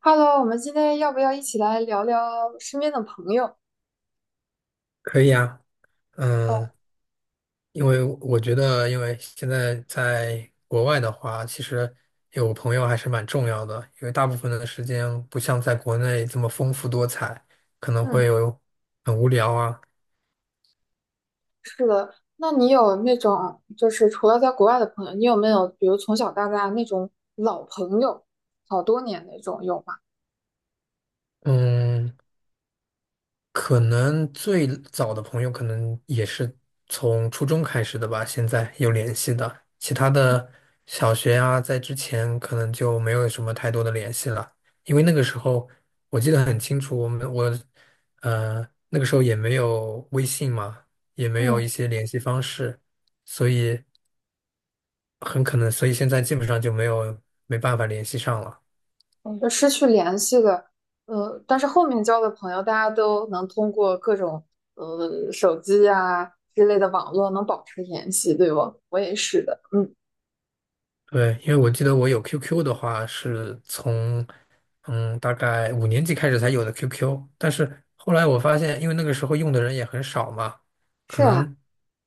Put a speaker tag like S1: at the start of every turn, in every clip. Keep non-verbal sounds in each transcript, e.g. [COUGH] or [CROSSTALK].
S1: Hello，我们今天要不要一起来聊聊身边的朋友？
S2: 可以啊，
S1: 哦。
S2: 嗯，因为我觉得，因为现在在国外的话，其实有朋友还是蛮重要的，因为大部分的时间不像在国内这么丰富多彩，可能会
S1: 嗯。
S2: 有很无聊啊。
S1: 那你有那种就是除了在国外的朋友，你有没有比如从小到大那种老朋友，好多年那种有吗？
S2: 嗯，可能最早的朋友可能也是从初中开始的吧，现在有联系的，其他的小学啊，在之前可能就没有什么太多的联系了，因为那个时候我记得很清楚，我们我呃那个时候也没有微信嘛，也没有
S1: 嗯。
S2: 一些联系方式，所以很可能，所以现在基本上就没办法联系上了。
S1: 嗯，就失去联系的。但是后面交的朋友，大家都能通过各种手机啊之类的网络能保持联系，对不？我也是的。嗯，
S2: 对，因为我记得我有 QQ 的话是从大概5年级开始才有的 QQ，但是后来我发现，因为那个时候用的人也很少嘛，
S1: 是
S2: 可
S1: 啊，
S2: 能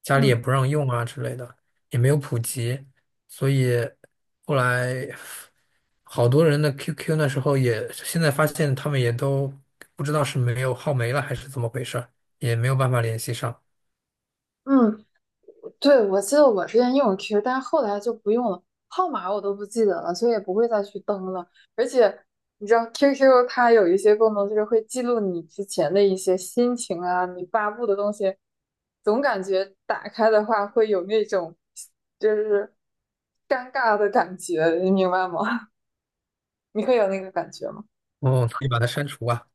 S2: 家里也
S1: 嗯
S2: 不让用啊之类的，也没有普及，所以后来好多人的 QQ 那时候也现在发现他们也都不知道是没有号没了还是怎么回事儿也没有办法联系上，
S1: 嗯。对，我记得我之前用 Q，但是后来就不用了，号码我都不记得了，所以也不会再去登了。而且你知道 QQ 它有一些功能，就是会记录你之前的一些心情啊，你发布的东西，总感觉打开的话会有那种就是尴尬的感觉，你明白吗？[LAUGHS] 你会有那个感觉吗？
S2: 哦，可以把它删除啊，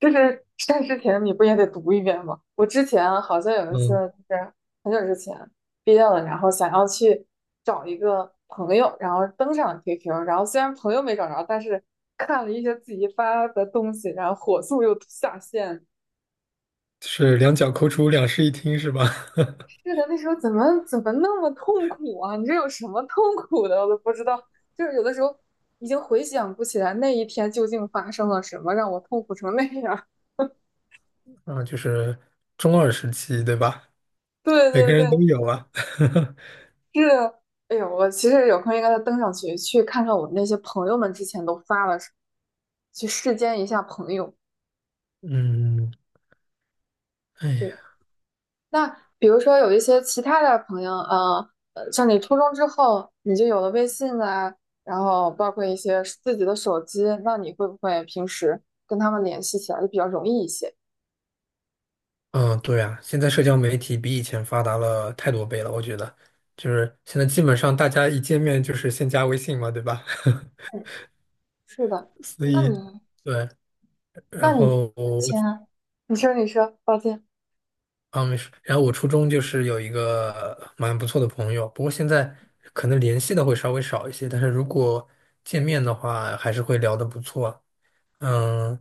S1: 就是在之前你不也得读一遍吗？我之前好像有一次
S2: 嗯，
S1: 就是很久之前毕业了，然后想要去找一个朋友，然后登上了 QQ，然后虽然朋友没找着，但是看了一些自己发的东西，然后火速又下线。
S2: 是两脚抠出两室一厅是吧？[LAUGHS]
S1: 是的，那时候怎么那么痛苦啊？你这有什么痛苦的？我都不知道。就是有的时候已经回想不起来那一天究竟发生了什么，让我痛苦成那样。
S2: 啊，就是中二时期，对吧？
S1: [LAUGHS] 对
S2: 每个
S1: 对
S2: 人
S1: 对。
S2: 都有啊。[LAUGHS]
S1: 是，哎呦，我其实有空应该再登上去，去看看我那些朋友们之前都发了什么，去世间一下朋友。
S2: 嗯，哎呀，
S1: 对，那比如说有一些其他的朋友，呃，像你初中之后，你就有了微信啊，然后包括一些自己的手机，那你会不会平时跟他们联系起来就比较容易一些？
S2: 嗯，对啊，现在社交媒体比以前发达了太多倍了，我觉得，就是现在基本上大家一见面就是先加微信嘛，对吧？
S1: 嗯，是的。
S2: [LAUGHS] 所
S1: 那
S2: 以，
S1: 你，
S2: 对，
S1: 那
S2: 然
S1: 你
S2: 后我
S1: 前，你说，你说，抱歉。
S2: 啊没事，然后我初中就是有一个蛮不错的朋友，不过现在可能联系的会稍微少一些，但是如果见面的话，还是会聊得不错。嗯，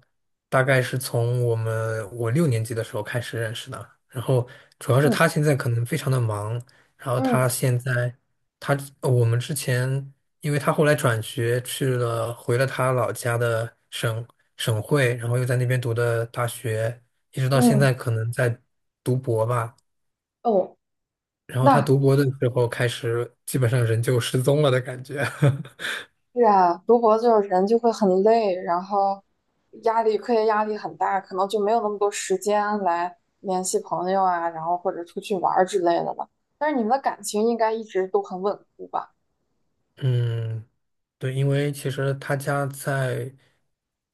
S2: 大概是从我6年级的时候开始认识的。然后主要是
S1: 嗯
S2: 他现在可能非常的忙，然后他
S1: 嗯
S2: 现在他呃我们之前，因为他后来转学去了回了他老家的省会，然后又在那边读的大学，一直到现
S1: 嗯，
S2: 在可能在读博吧。
S1: 哦。
S2: 然后他
S1: 那
S2: 读博的时候开始，基本上人就失踪了的感觉。[LAUGHS]
S1: 是啊，读博就是人就会很累，然后压力，课业压力很大，可能就没有那么多时间来联系朋友啊，然后或者出去玩儿之类的了。但是你们的感情应该一直都很稳固吧？
S2: 嗯。对，因为其实他家在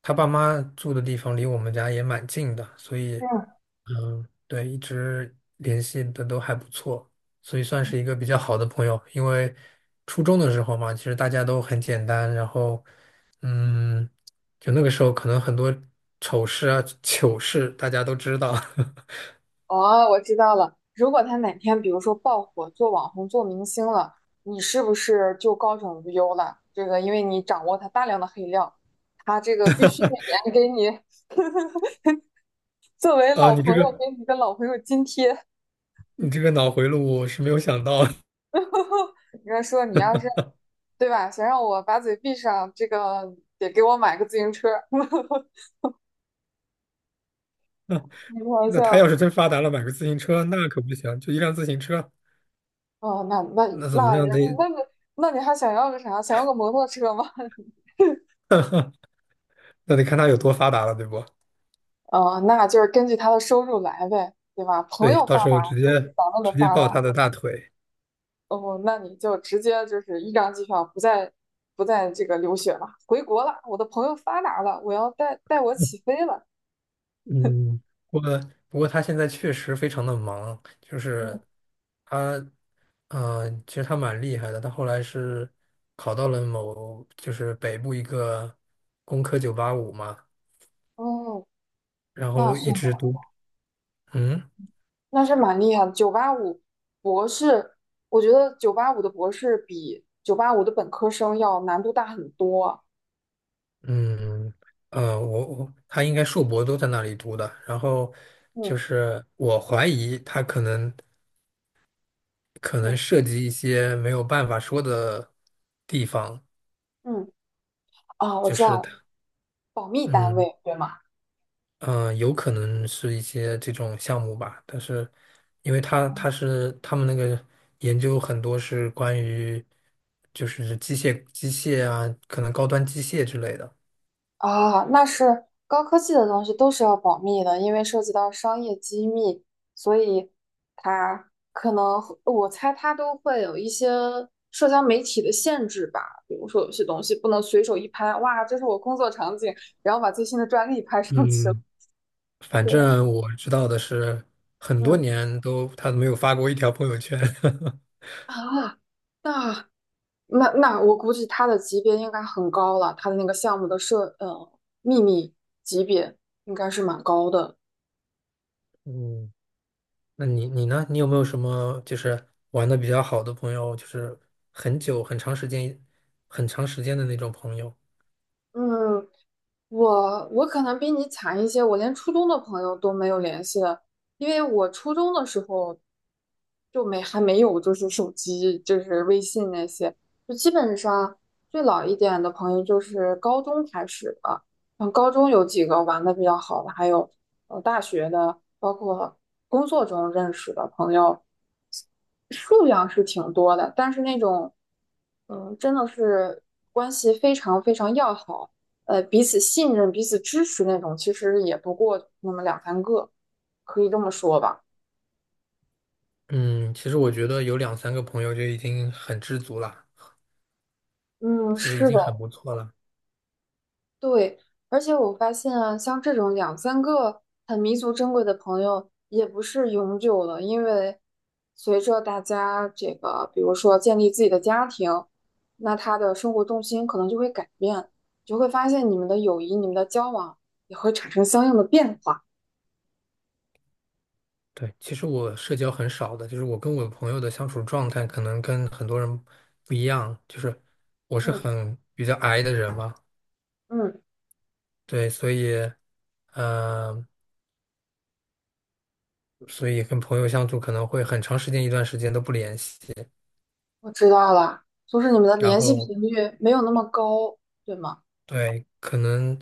S2: 他爸妈住的地方离我们家也蛮近的，所以
S1: 嗯。
S2: 嗯，对，一直联系的都还不错，所以算是一个比较好的朋友。因为初中的时候嘛，其实大家都很简单，然后嗯，就那个时候可能很多丑事啊、糗事大家都知道 [LAUGHS]
S1: 哦，我知道了。如果他哪天比如说爆火，做网红、做明星了，你是不是就高枕无忧了？这个因为你掌握他大量的黑料，他这个必须每年给你作为
S2: 啊。
S1: 老
S2: 你这
S1: 朋友
S2: 个
S1: 给你一个老朋友津贴。
S2: 你这个脑回路我是没有想到，
S1: 你要说你要是。对吧？想让我把嘴闭上，这个得给我买个自行车。[LAUGHS] 开
S2: [LAUGHS]
S1: 玩
S2: 那他
S1: 笑。
S2: 要是真发达了，买个自行车那可不行，就一辆自行车。
S1: 哦，那那
S2: 那怎么
S1: 那也
S2: 样得？
S1: 那你那你还想要个啥？想要个摩托车吗？[LAUGHS]
S2: 那得看他有多发达了，对不？
S1: 哦，那就是根据他的收入来呗，对吧？朋
S2: 对，
S1: 友
S2: 到
S1: 发
S2: 时
S1: 达
S2: 候直
S1: 就是
S2: 接
S1: 咱们的
S2: 直接
S1: 发
S2: 抱
S1: 达。
S2: 他的大腿。
S1: 哦，那你就直接就是一张机票，不再这个留学了，回国了。我的朋友发达了，我要带我起飞了。
S2: 嗯，不过不过他现在确实非常的忙，就是
S1: 嗯。
S2: 他，其实他蛮厉害的。他后来是考到了某就是北部一个工科985嘛，
S1: 哦，
S2: 然
S1: 那
S2: 后
S1: 是。
S2: 一直读，嗯
S1: 那是蛮厉害的。九八五博士，我觉得九八五的博士比九八五的本科生要难度大很多。
S2: 嗯他应该硕博都在那里读的，然后
S1: 嗯
S2: 就是我怀疑他可能
S1: 嗯
S2: 涉及一些没有办法说的地方，
S1: 嗯。啊，我
S2: 就
S1: 知
S2: 是
S1: 道了，
S2: 它
S1: 保密单
S2: 嗯
S1: 位，对吗？
S2: 有可能是一些这种项目吧，但是因为他是他们那个研究很多是关于就是机械啊，可能高端机械之类的。
S1: 啊，那是高科技的东西都是要保密的，因为涉及到商业机密，所以它可能会我猜它都会有一些社交媒体的限制吧，比如说有些东西不能随手一拍，哇，这是我工作场景，然后把最新的专利拍上去了。
S2: 嗯，
S1: [LAUGHS]
S2: 反
S1: 对。
S2: 正我知道的是，很多
S1: 嗯。
S2: 年都他没有发过一条朋友圈。[LAUGHS]
S1: 啊，那那我估计他的级别应该很高了，他的那个项目的秘密级别应该是蛮高的。
S2: 嗯那你呢？你有没有什么就是玩的比较好的朋友，就是很久、很长时间的那种朋友？
S1: 嗯，我我可能比你惨一些，我连初中的朋友都没有联系了，因为我初中的时候就没还没有就是手机，就是微信那些，就基本上最老一点的朋友就是高中开始的，像高中有几个玩的比较好的，还有大学的，包括工作中认识的朋友，数量是挺多的，但是那种，嗯，真的是关系非常要好，彼此信任、彼此支持那种，其实也不过那么两三个，可以这么说吧。
S2: 嗯，其实我觉得有两三个朋友就已经很知足了，
S1: 嗯，
S2: 就是已
S1: 是
S2: 经
S1: 的。
S2: 很不错了。
S1: 对，而且我发现啊，像这种两三个很弥足珍贵的朋友，也不是永久的，因为随着大家这个，比如说建立自己的家庭，那他的生活重心可能就会改变，就会发现你们的友谊、你们的交往也会产生相应的变化。
S2: 对，其实我社交很少的，就是我跟我朋友的相处状态可能跟很多人不一样，就是我是
S1: 嗯
S2: 很比较 i 的人嘛，
S1: 嗯，
S2: 对，呃，所以跟朋友相处可能会很长时间一段时间都不联系，
S1: 我知道了，就是你们的
S2: 然
S1: 联系
S2: 后。
S1: 频率没有那么高，对吗？
S2: 对，可能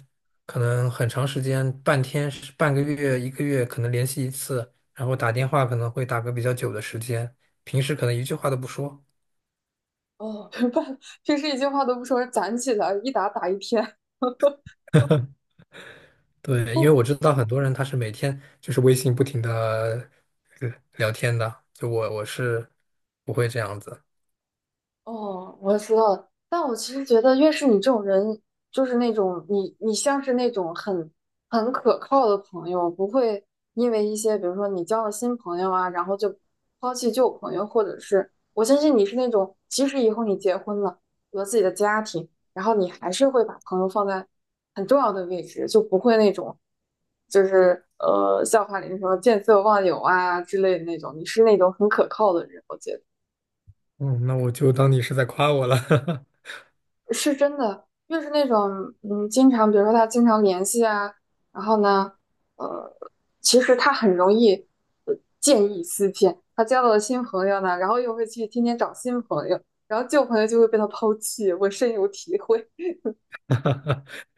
S2: 可能很长时间，半天、半个月、一个月，可能联系一次，然后打电话可能会打个比较久的时间，平时可能一句话都不说。
S1: 哦，[LAUGHS] 明白了。平时一句话都不说，攒起来一打打一天。
S2: 对，因为我
S1: [LAUGHS]
S2: 知道很多人他是每天就是微信不停的聊天的，就我是不会这样子。
S1: 哦，我知道了。但我其实觉得，越是你这种人，就是那种你，你像是那种很可靠的朋友，不会因为一些，比如说你交了新朋友啊，然后就抛弃旧朋友，或者是我相信你是那种，即使以后你结婚了，有了自己的家庭，然后你还是会把朋友放在很重要的位置，就不会那种，笑话里那什么见色忘友啊之类的那种，你是那种很可靠的人，我觉得。
S2: 嗯，那我就当你是在夸我了。
S1: 是真的，越是那种嗯，经常比如说他经常联系啊，然后呢，呃，其实他很容易呃见异思迁。他交到了新朋友呢，然后又会去天天找新朋友，然后旧朋友就会被他抛弃，我深有体会。
S2: [LAUGHS]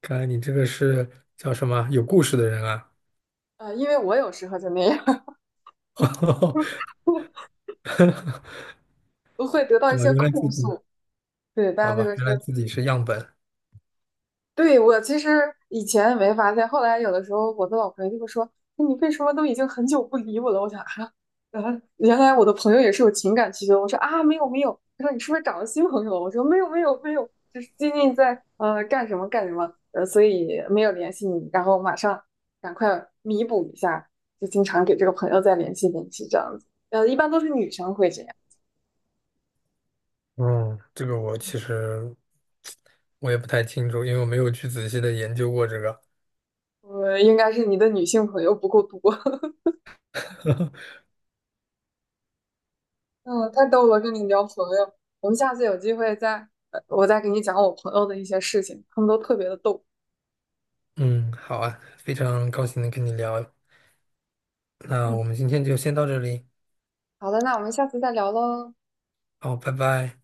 S2: 看来你这个是叫什么有故事的人啊？
S1: 因为我有时候就那样。
S2: [LAUGHS]
S1: [LAUGHS] 我我会得到
S2: 好
S1: 一
S2: 吧，
S1: 些
S2: 原来自
S1: 控
S2: 己
S1: 诉。对，
S2: 好
S1: 大家就
S2: 吧，
S1: 会说
S2: 原来自己是样本。
S1: 对，我其实以前没发现，后来有的时候我的老朋友就会说：“哎你为什么都已经很久不理我了？”我想啊，啊，原来我的朋友也是有情感需求。我说啊，没有没有。他说你是不是找了新朋友了我说没有没有没有，就是最近在干什么干什么，所以没有联系你，然后马上赶快弥补一下，就经常给这个朋友再联系联系这样子。一般都是女生会这样。
S2: 嗯，这个我其实也不太清楚，因为我没有去仔细的研究过这个。
S1: 应该是你的女性朋友不够多。
S2: [LAUGHS]
S1: 嗯，太逗了，跟你聊朋友，我们下次有机会再，我再给你讲我朋友的一些事情，他们都特别的逗。
S2: 嗯，好啊，非常高兴能跟你聊，那
S1: 嗯，
S2: 我们今天就先到这里，
S1: 好的，那我们下次再聊喽，
S2: 好，拜拜。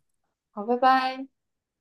S1: 好，拜拜。